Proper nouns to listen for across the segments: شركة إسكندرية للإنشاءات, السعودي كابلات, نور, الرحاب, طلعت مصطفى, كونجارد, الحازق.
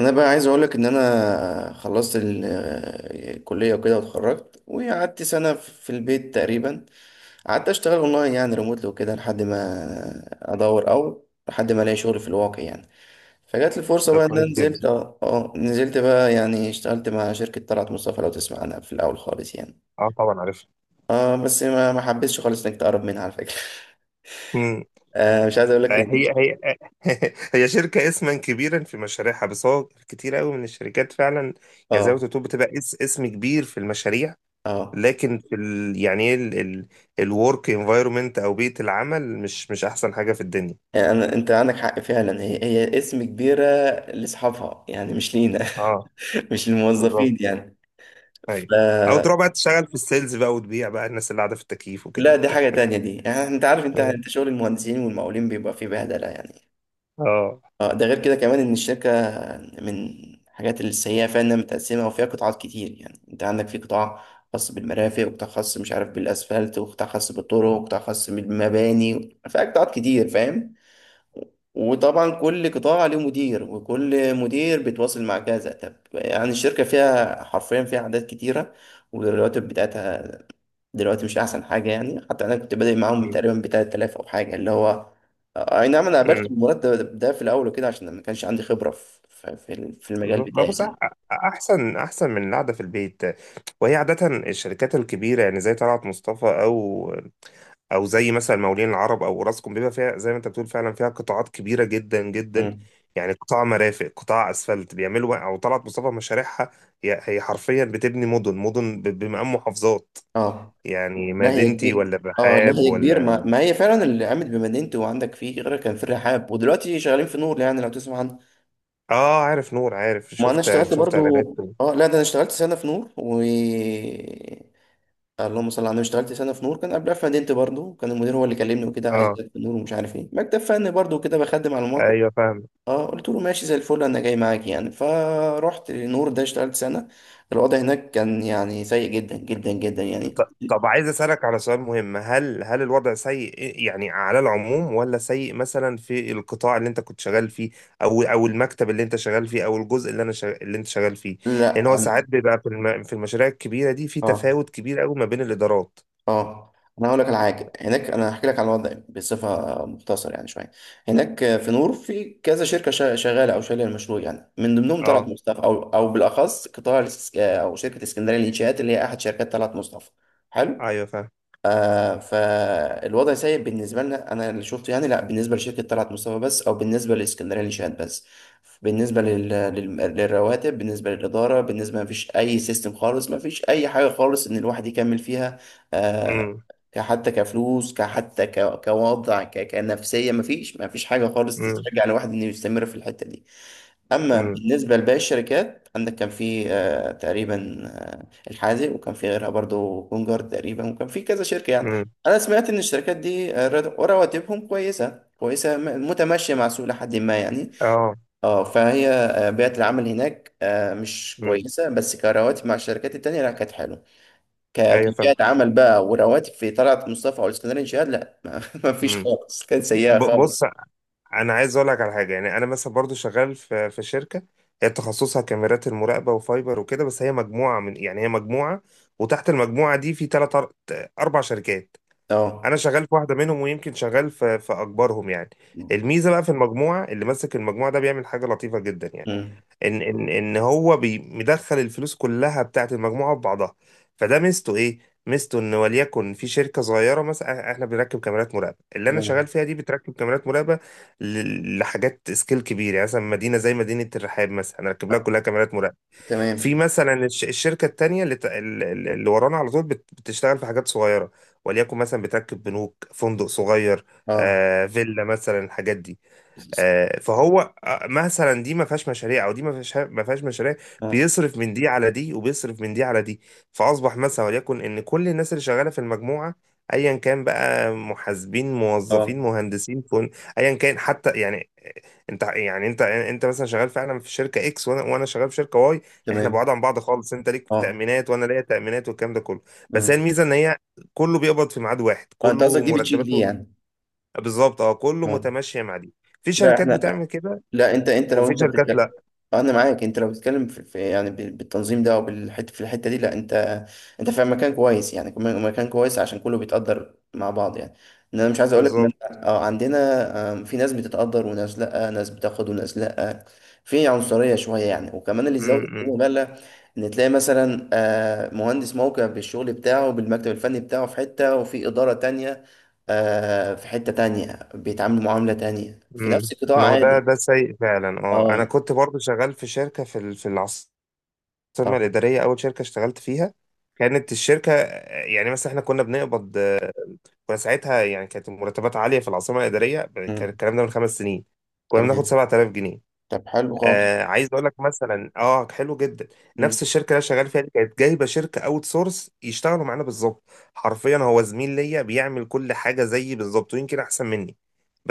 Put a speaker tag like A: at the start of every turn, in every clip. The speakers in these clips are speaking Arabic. A: انا بقى عايز اقولك ان انا خلصت الكليه وكده، واتخرجت وقعدت سنه في البيت تقريبا. قعدت اشتغل اونلاين يعني ريموتلي وكده لحد ما ادور، او لحد ما الاقي شغل في الواقع يعني. فجات لي فرصه
B: ده
A: بقى ان انا
B: كويس
A: نزلت
B: جدا.
A: نزلت بقى، يعني اشتغلت مع شركه طلعت مصطفى، لو تسمع عنها في الاول خالص يعني.
B: اه طبعا عارفها.
A: اه، بس ما حبيتش خالص انك تقرب منها على فكره
B: مم.
A: مش عايز اقولك
B: آه،
A: إن-
B: هي هي شركة اسما كبيرا في مشاريعها، بس هو كتير قوي من الشركات فعلا. يعني زي ما
A: اه
B: بتقول بتبقى اسم كبير في المشاريع،
A: اه
B: لكن في ال، يعني ايه، الورك انفايرمنت او بيئة العمل، مش احسن حاجة في الدنيا.
A: يعني أنا، أنت عندك حق فعلا، هي هي اسم كبيرة لأصحابها يعني، مش لينا
B: اه
A: مش
B: بالظبط.
A: للموظفين يعني. ف
B: ايوه، او تروح بقى تشتغل في السيلز بقى وتبيع بقى الناس اللي قاعدة في التكييف وكده
A: لا، دي
B: وبتاع.
A: حاجة تانية دي، يعني أنت عارف، أنت شغل المهندسين والمقاولين بيبقى فيه بهدلة يعني.
B: اه.
A: أه، ده غير كده كمان إن الشركة من الحاجات السيئة فيها إنها متقسمة وفيها قطاعات كتير، يعني أنت عندك في قطاع خاص بالمرافق، وقطاع خاص مش عارف بالأسفلت، وقطاع خاص بالطرق، وقطاع خاص بالمباني، فيها قطاعات كتير فاهم. وطبعا كل قطاع له مدير، وكل مدير بيتواصل مع كذا. طب يعني الشركة فيها حرفيا فيها أعداد كتيرة، والرواتب بتاعتها دلوقتي مش أحسن حاجة يعني. حتى أنا كنت بادئ معاهم تقريبا ب 3000 أو حاجة، اللي هو أي نعم أنا قابلت
B: مم.
A: المرتب ده في الأول وكده عشان ما كانش عندي خبرة في المجال
B: ما
A: بتاعي
B: بص أح-
A: يعني.
B: احسن احسن من القعده في البيت. وهي عاده الشركات الكبيره، يعني زي طلعت مصطفى، او او زي مثلا مولين العرب او راسكم، بيبقى فيها زي ما انت بتقول فعلا، فيها قطاعات كبيره جدا جدا.
A: مم.
B: يعني قطاع مرافق، قطاع اسفلت بيعملوا، او طلعت مصطفى مشاريعها هي حرفيا بتبني مدن مدن، بمقام محافظات.
A: اه
B: يعني
A: لا هي
B: مدينتي
A: كبير.
B: ولا
A: اه لا
B: بحاب
A: هي كبير، ما,
B: ولا.
A: ما هي فعلا اللي قامت بمدينتي، وعندك فيه غيرها، كان في الرحاب، ودلوقتي شغالين في نور، يعني لو تسمع عنه.
B: اه عارف نور، عارف،
A: ما انا
B: شفت
A: اشتغلت
B: شفت
A: برضو.
B: اعلانات.
A: اه لا، ده انا اشتغلت سنه في نور، و اللهم صل على النبي اشتغلت سنه في نور، كان قبلها في مدينتي برضو، كان المدير هو اللي كلمني وكده عايز
B: اه
A: يبدأ في نور، ومش عارف ايه مكتب فني برضو كده بخدم على الموقع.
B: ايوه فاهم.
A: اه قلت له ماشي زي الفل انا جاي معاك يعني، فروحت نور ده اشتغلت سنه. الوضع هناك كان يعني سيء جدا جدا جدا يعني.
B: طب عايز اسالك على سؤال مهم، هل الوضع سيء يعني على العموم، ولا سيء مثلا في القطاع اللي انت كنت شغال فيه، او او المكتب اللي انت شغال فيه، او الجزء اللي انا شغ... اللي انت شغال فيه.
A: لا.
B: لان هو ساعات بيبقى في الم... في المشاريع الكبيره دي في
A: اه
B: تفاوت كبير قوي ما بين الادارات.
A: اه انا هقول لك على حاجه، هناك انا هحكي لك على الوضع بصفه مختصر يعني شويه. هناك في نور في كذا شركه شغاله او شايله المشروع يعني، من ضمنهم طلعت
B: اه
A: مصطفى، او بالاخص قطاع او شركه اسكندريه للانشاءات، اللي هي احد شركات طلعت مصطفى. حلو.
B: ايوه فاهم.
A: آه، فالوضع سيء بالنسبة لنا، أنا اللي شفته يعني، لا بالنسبة لشركة طلعت مصطفى بس، أو بالنسبة لإسكندرية للشهاد بس. بالنسبة للرواتب، بالنسبة للإدارة، بالنسبة ما فيش أي سيستم خالص، ما فيش أي حاجة خالص إن الواحد يكمل فيها. آه،
B: امم
A: كحتى كفلوس، كحتى كوضع، كنفسية، ما فيش حاجة خالص
B: امم.
A: تشجع الواحد إنه يستمر في الحتة دي. اما
B: امم
A: بالنسبه لباقي الشركات، عندك كان في تقريبا الحازق، وكان في غيرها برضو كونجارد تقريبا، وكان في كذا شركه يعني.
B: امم.
A: انا سمعت ان الشركات دي، رواتبهم كويسه، كويسه متماشيه مع السوق لحد ما يعني.
B: اه.
A: اه، فهي بيئه العمل هناك مش
B: امم.
A: كويسه، بس كرواتب مع الشركات التانيه لا كانت حلوه.
B: ايوه فاهم.
A: كبيئه عمل بقى ورواتب في طلعت مصطفى او الاسكندريه شهاد لا مفيش
B: امم.
A: خالص، كانت سيئه
B: بص،
A: خالص.
B: انا عايز اقول لك على حاجه. يعني انا مثلا برضو شغال في شركه، هي تخصصها كاميرات المراقبه وفايبر وكده، بس هي مجموعه من، يعني هي مجموعه، وتحت المجموعه دي في ثلاث اربع شركات.
A: اه.
B: انا شغال في واحده منهم، ويمكن شغال في اكبرهم يعني. الميزه بقى في المجموعه، اللي ماسك المجموعه ده بيعمل حاجه لطيفه جدا يعني.
A: مم.
B: ان هو مدخل الفلوس كلها بتاعت المجموعه في بعضها. فده ميزته ايه؟ ميزته ان وليكن في شركه صغيره، مثلا احنا بنركب كاميرات مراقبه، اللي انا
A: تمام.
B: شغال فيها دي بتركب كاميرات مراقبه لحاجات سكيل كبير. يعني مثلا مدينه زي مدينه الرحاب مثلا، هنركب لها
A: آه،
B: كلها كاميرات مراقبه. في
A: تمام.
B: مثلا الشركه التانيه، اللي ت-، ال- ال- اللي ورانا على طول، بتشتغل في حاجات صغيره. وليكن مثلا بتركب بنوك، فندق صغير،
A: اه.
B: آه فيلا مثلا، الحاجات دي. آه، فهو آه، مثلا دي ما فيهاش مشاريع، او دي ما فيهاش، ما فيهاش مشاريع.
A: اه.
B: بيصرف من دي على دي، وبيصرف من دي على دي. فاصبح مثلا وليكن ان كل الناس اللي شغاله في المجموعه، ايا كان بقى محاسبين،
A: اه.
B: موظفين، مهندسين، فن، ايا كان حتى، يعني آه، انت يعني، انت مثلا شغال فعلا في شركه اكس، وانا شغال في شركه واي. احنا
A: تمام.
B: بعاد عن بعض خالص، انت ليك
A: اه.
B: تامينات وانا ليا تامينات والكلام ده كله. بس
A: امم.
B: هي الميزه ان هي كله بيقبض في ميعاد واحد،
A: اه، انت قصدك
B: كله
A: دي بتشيل دي
B: مرتباته.
A: يعني.
B: بالظبط، اه كله
A: اه.
B: متماشي مع دي. في
A: لا
B: شركات
A: احنا.
B: بتعمل كده،
A: لا، انت لو
B: وفي
A: انت
B: شركات لا.
A: بتتكلم، انا معاك. انت لو بتتكلم يعني بالتنظيم ده، او بالحته في الحته دي، لا انت في مكان كويس يعني، كمان مكان كويس عشان كله بيتقدر مع بعض يعني. ان انا مش عايز اقول لك ان
B: بالظبط.
A: انا عندنا في ناس بتتقدر وناس لا، ناس بتاخد وناس لا. في عنصريه شويه يعني، وكمان اللي زود
B: امم.
A: مبالغ ان تلاقي مثلا مهندس موقع بالشغل بتاعه بالمكتب الفني بتاعه في حته، وفي اداره تانية في حته تانية بيتعاملوا معامله تانية في
B: إمم.
A: نفس القطاع
B: ما هو ده
A: عادي.
B: ده سيء فعلا. اه انا
A: اه
B: كنت برضو شغال في شركه في في العاصمه
A: طبعا.
B: الاداريه، اول شركه اشتغلت فيها كانت الشركه، يعني مثلا احنا كنا بنقبض، كنا ساعتها يعني كانت المرتبات عاليه في العاصمه الاداريه. كان
A: مم.
B: الكلام ده من 5 سنين، كنا
A: تمام.
B: بناخد 7000 جنيه.
A: طب حلو خالص.
B: آه عايز اقول لك مثلا، اه حلو جدا.
A: مم.
B: نفس الشركه اللي انا شغال فيها دي كانت جايبه شركه اوت سورس يشتغلوا معانا بالظبط. حرفيا هو زميل ليا، بيعمل كل حاجه زيي بالظبط، ويمكن احسن مني.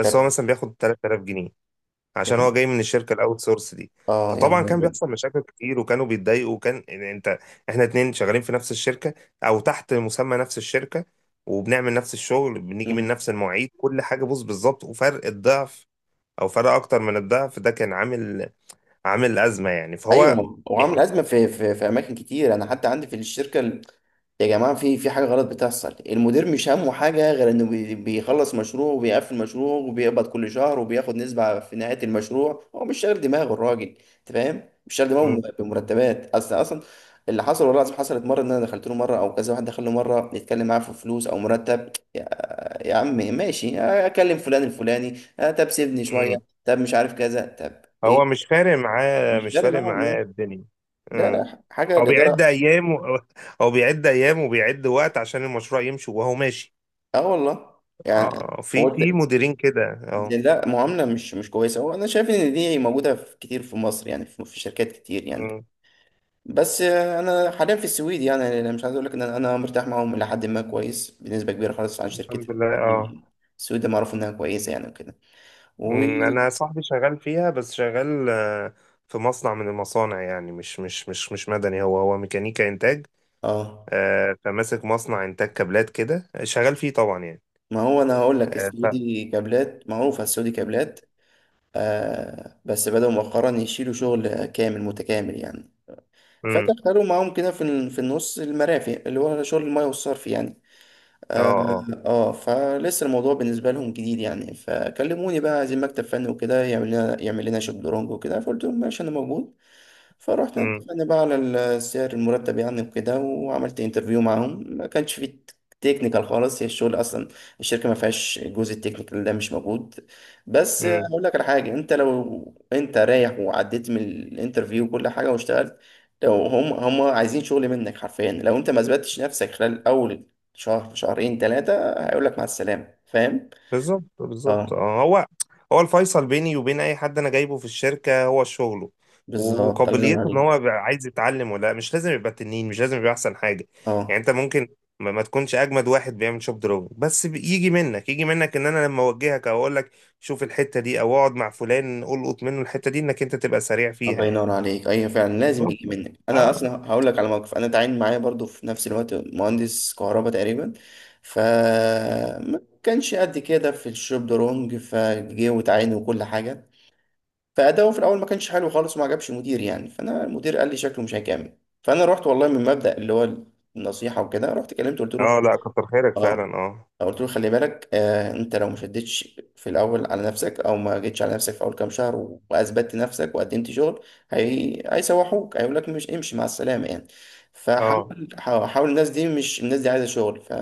A: طب
B: هو مثلا بياخد 3000 جنيه، عشان
A: يا-
B: هو جاي من الشركه الاوت سورس دي.
A: اه يا
B: فطبعا
A: نهار
B: كان
A: أبيض.
B: بيحصل مشاكل كتير، وكانوا بيتضايقوا، وكان يعني انت، احنا اتنين شغالين في نفس الشركه، او تحت مسمى نفس الشركه، وبنعمل نفس الشغل، بنيجي من
A: مم.
B: نفس المواعيد، كل حاجه بص بالظبط، وفرق الضعف، او فرق اكتر من الضعف، ده كان عامل، عامل أزمة يعني. فهو
A: ايوه وعامل
B: يعني.
A: ازمه في اماكن كتير، انا حتى عندي في الشركه يا جماعه في حاجه غلط بتحصل، المدير مش همه حاجه غير انه بيخلص مشروع وبيقفل مشروع وبيقبض كل شهر وبياخد نسبه في نهايه المشروع، هو مش شاغل دماغه الراجل، انت فاهم؟ مش شاغل دماغه
B: مم.
A: بمرتبات اصلا. اللي حصل والله العظيم حصلت مره ان انا دخلت له مره، او كذا واحد دخل له مره يتكلم معاه في فلوس او مرتب. يا عمي ماشي اكلم فلان الفلاني، آه، طب سيبني شويه،
B: مم.
A: طب مش عارف كذا، طب
B: هو
A: ايه.
B: مش فارق معاه
A: مش
B: مش
A: فارق
B: فارق
A: معاه
B: معاه
A: والله.
B: الدنيا.
A: لا
B: مم.
A: لا حاجه
B: هو بيعد
A: الاداره.
B: أيام و... هو بيعد أيام وبيعد وقت عشان المشروع يمشي، وهو ماشي.
A: اه والله. يعني
B: اه آه،
A: هو
B: في في مديرين كده. اه.
A: لا معامله مش كويسه، هو انا شايف ان دي موجوده في كتير في مصر يعني، في شركات كتير يعني.
B: مم.
A: بس انا حاليا في السويد يعني، انا مش عايز اقول لك ان أنا مرتاح معاهم الى حد ما كويس بنسبه كبيره خالص عن شركتي
B: الحمد لله
A: القديمه
B: اه.
A: يعني. السويد معروف انها كويسه يعني وكده. و
B: أنا صاحبي شغال فيها، بس شغال آه، في مصنع من المصانع يعني، مش مدني، هو ميكانيكا إنتاج.
A: اه
B: آه، فماسك مصنع إنتاج كابلات كده، شغال فيه طبعا يعني.
A: ما هو انا هقول لك
B: آه، ف...
A: السعودي كابلات معروفه، السعودي كابلات. آه بس بدأوا مؤخرا يشيلوا شغل كامل متكامل يعني.
B: مم.
A: فدخلوا معاهم كده في في النص المرافق اللي هو شغل الميه والصرف يعني.
B: اه
A: اه.
B: اه.
A: فلسه الموضوع بالنسبه لهم جديد يعني، فكلموني بقى عايزين مكتب فني وكده، يعمل لنا يعمل لنا شطرنج وكده، فقلت لهم ماشي انا موجود. فروحنا
B: امم
A: اتفقنا بقى على السعر المرتب يعني وكده، وعملت انترفيو معاهم ما كانش فيه تكنيكال خالص، هي الشغل اصلا الشركه ما فيهاش، الجزء التكنيكال ده مش موجود. بس
B: امم.
A: هقول لك على حاجه، انت لو انت رايح وعديت من الانترفيو وكل حاجه واشتغلت، لو هم عايزين شغل منك حرفيا، لو انت ما اثبتتش نفسك خلال اول شهر شهرين ثلاثة هيقول لك مع السلامة فاهم؟
B: بالظبط بالظبط.
A: اه
B: آه، هو الفيصل بيني وبين اي حد انا جايبه في الشركه هو شغله،
A: بالظبط الله ينور
B: وقابليته ان
A: عليك.
B: هو بيبقى عايز يتعلم ولا لأ. مش لازم يبقى تنين، مش لازم يبقى احسن حاجه. يعني
A: اه
B: انت ممكن ما تكونش اجمد واحد بيعمل شوب دروب، بس يجي منك، يجي منك ان انا لما اوجهك او اقول لك شوف الحته دي، او اقعد مع فلان القط منه الحته دي، انك انت تبقى سريع فيها
A: الله
B: يعني.
A: ينور عليك ايوه فعلا، لازم
B: بالظبط.
A: يجي منك. انا
B: اه
A: اصلا هقول لك على موقف، انا تعين معايا برضو في نفس الوقت مهندس كهرباء تقريبا. ف ما كانش قد كده في الشوب درونج، فجه وتعين وكل حاجه، فاداؤه في الاول ما كانش حلو خالص وما عجبش المدير يعني، فانا المدير قال لي شكله مش هيكمل. فانا رحت والله من مبدأ اللي هو النصيحه وكده، رحت كلمته قلت له،
B: اه لا، كتر خيرك فعلا
A: اه
B: اه.
A: قلت له خلي بالك آه انت لو ما شدتش في الاول على نفسك او ما جيتش على نفسك في اول كام شهر واثبتت نفسك وقدمت شغل، هي... هيسوحوك هيقول لك مش امشي مع السلامه يعني.
B: اه
A: فحاول حاول، الناس دي مش، الناس دي عايزه شغل.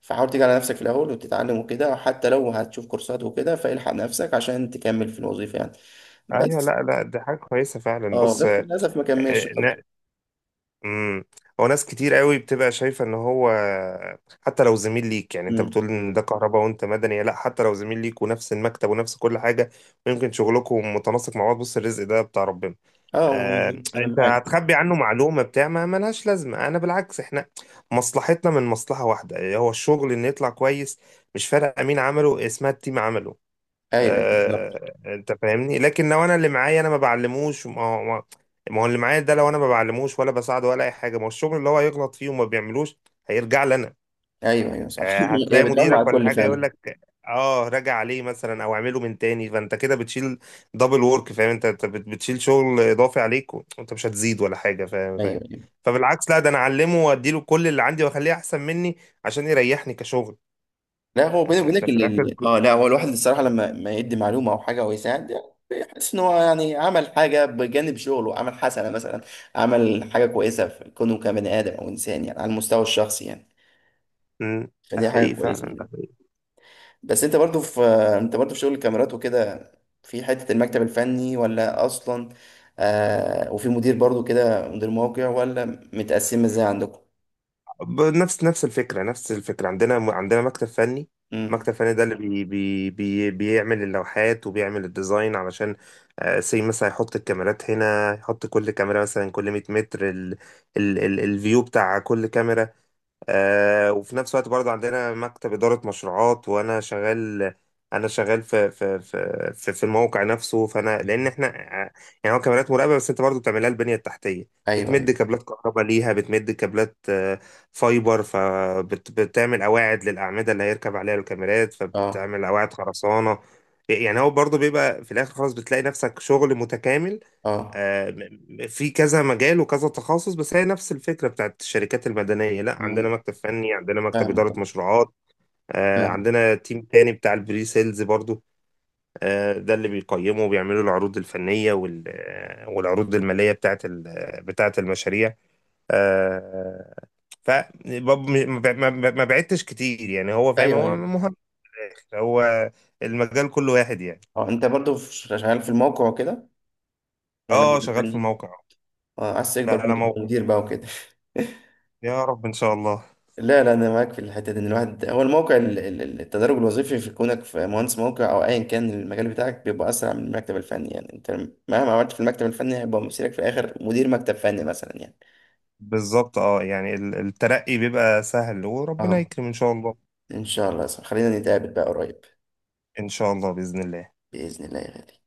A: فحاول تيجي على نفسك في الاول وتتعلم وكده، حتى لو هتشوف كورسات وكده، فالحق نفسك عشان تكمل في الوظيفه يعني.
B: ايوه
A: بس
B: لا لا، دي حاجه كويسه فعلا.
A: اه
B: بص
A: بس
B: آه،
A: للاسف ما كملش برضه.
B: امم. هو ناس كتير قوي بتبقى شايفة ان هو، حتى لو زميل ليك، يعني انت
A: مم.
B: بتقول ان ده كهرباء وانت مدني، لا، حتى لو زميل ليك ونفس المكتب ونفس كل حاجة، ويمكن شغلكم متناسق مع بعض، بص الرزق ده بتاع ربنا.
A: اه
B: آه
A: انا
B: انت
A: معاك.
B: هتخبي عنه معلومة بتاع ما ملهاش لازمة؟ انا بالعكس، احنا مصلحتنا من مصلحة واحدة، هو الشغل ان يطلع كويس. مش فارق مين عمله، اسمها التيم عمله.
A: ايوه بالظبط.
B: آه، انت فاهمني. لكن لو انا اللي معايا انا ما بعلموش، ما هو ما، ما هو اللي معايا ده لو انا ما بعلموش ولا بساعده ولا اي حاجه، ما هو الشغل اللي هو يغلط فيه وما بيعملوش هيرجع لي انا.
A: ايوه ايوه صح
B: آه،
A: هي
B: هتلاقي
A: بتعم على
B: مديرك ولا
A: الكل
B: حاجه يقول
A: فعلا.
B: لك اه راجع عليه مثلا، او اعمله من تاني. فانت كده بتشيل دبل وورك، فاهم؟ انت بتشيل شغل اضافي عليك، وانت مش هتزيد ولا حاجه، فاهم فاهم.
A: ايوه أيوه.
B: فبالعكس لا، ده انا اعلمه واديله كل اللي عندي، واخليه احسن مني عشان يريحني كشغل.
A: لا هو بيني
B: يعني
A: وبينك
B: احنا في الاخر
A: لا هو الواحد الصراحه لما ما يدي معلومه او حاجه او يساعد يعني، بيحس ان هو يعني عمل حاجه بجانب شغله، عمل حسنه مثلا، عمل حاجه كويسه في كونه كبني ادم او انسان يعني على المستوى الشخصي يعني.
B: مم، ده
A: فدي حاجه
B: حقيقي
A: كويسه
B: فعلا
A: يعني.
B: ده.
A: بس انت برضو في، انت برضو في شغل الكاميرات وكده، في حته المكتب الفني ولا اصلا، آه وفي مدير برضو كده مدير موقع ولا متقسم ازاي عندكم؟
B: نفس الفكرة، نفس الفكرة عندنا. عندنا مكتب فني،
A: امم.
B: مكتب فني ده اللي بي بي بي بيعمل اللوحات، وبيعمل الديزاين علشان آه، سي مثلا، يحط الكاميرات هنا، يحط كل كاميرا مثلا كل 100 متر، ال الفيو بتاع كل كاميرا. آه، وفي نفس الوقت برضه عندنا مكتب إدارة مشروعات، وأنا شغال، أنا شغال في في الموقع نفسه. فأنا لأن إحنا آه، يعني هو كاميرات مراقبة، بس أنت برضه بتعملها البنية التحتية،
A: ايوه ايوه.
B: بتمد كابلات كهرباء ليها، بتمد كابلات آه، فايبر، فبتعمل قواعد للأعمدة اللي هيركب عليها الكاميرات،
A: اه
B: فبتعمل قواعد خرسانة. يعني هو برضه بيبقى في الآخر، خلاص بتلاقي نفسك شغل متكامل.
A: اه.
B: آه، في كذا مجال وكذا تخصص، بس هي نفس الفكرة بتاعت الشركات المدنية. لا عندنا
A: مم.
B: مكتب فني، عندنا مكتب
A: فاهم.
B: إدارة مشروعات، آه،
A: فاهم.
B: عندنا تيم تاني بتاع البري سيلز برضو. آه، ده اللي بيقيموا وبيعملوا العروض الفنية وال-، آه، والعروض المالية بتاعت ال-، بتاعت المشاريع. آه، ف، ما بعدتش كتير يعني، هو فاهم،
A: ايوه
B: هو
A: ايوه.
B: مهم، هو المجال كله واحد يعني.
A: اه انت برضو في- شغال في الموقع وكده، ولا
B: اه
A: مدير
B: شغال في
A: فني؟
B: الموقع.
A: اه عايز تكبر
B: لا
A: بقى
B: لا
A: تبقى
B: موقع.
A: مدير بقى وكده
B: يا رب ان شاء الله.
A: لا لا، انا معاك في الحته دي، ان الواحد هو الموقع التدرج الوظيفي في كونك في مهندس موقع او ايا كان المجال بتاعك بيبقى اسرع من المكتب الفني يعني، انت مهما عملت في المكتب الفني هيبقى مصيرك في الاخر مدير مكتب فني مثلا يعني.
B: بالظبط، اه يعني الترقي بيبقى سهل، وربنا
A: اه.
B: يكرم ان شاء الله.
A: ان شاء الله يا صاحبي. خلينا نتقابل بقى قريب.
B: ان شاء الله باذن الله.
A: باذن الله يا غالي.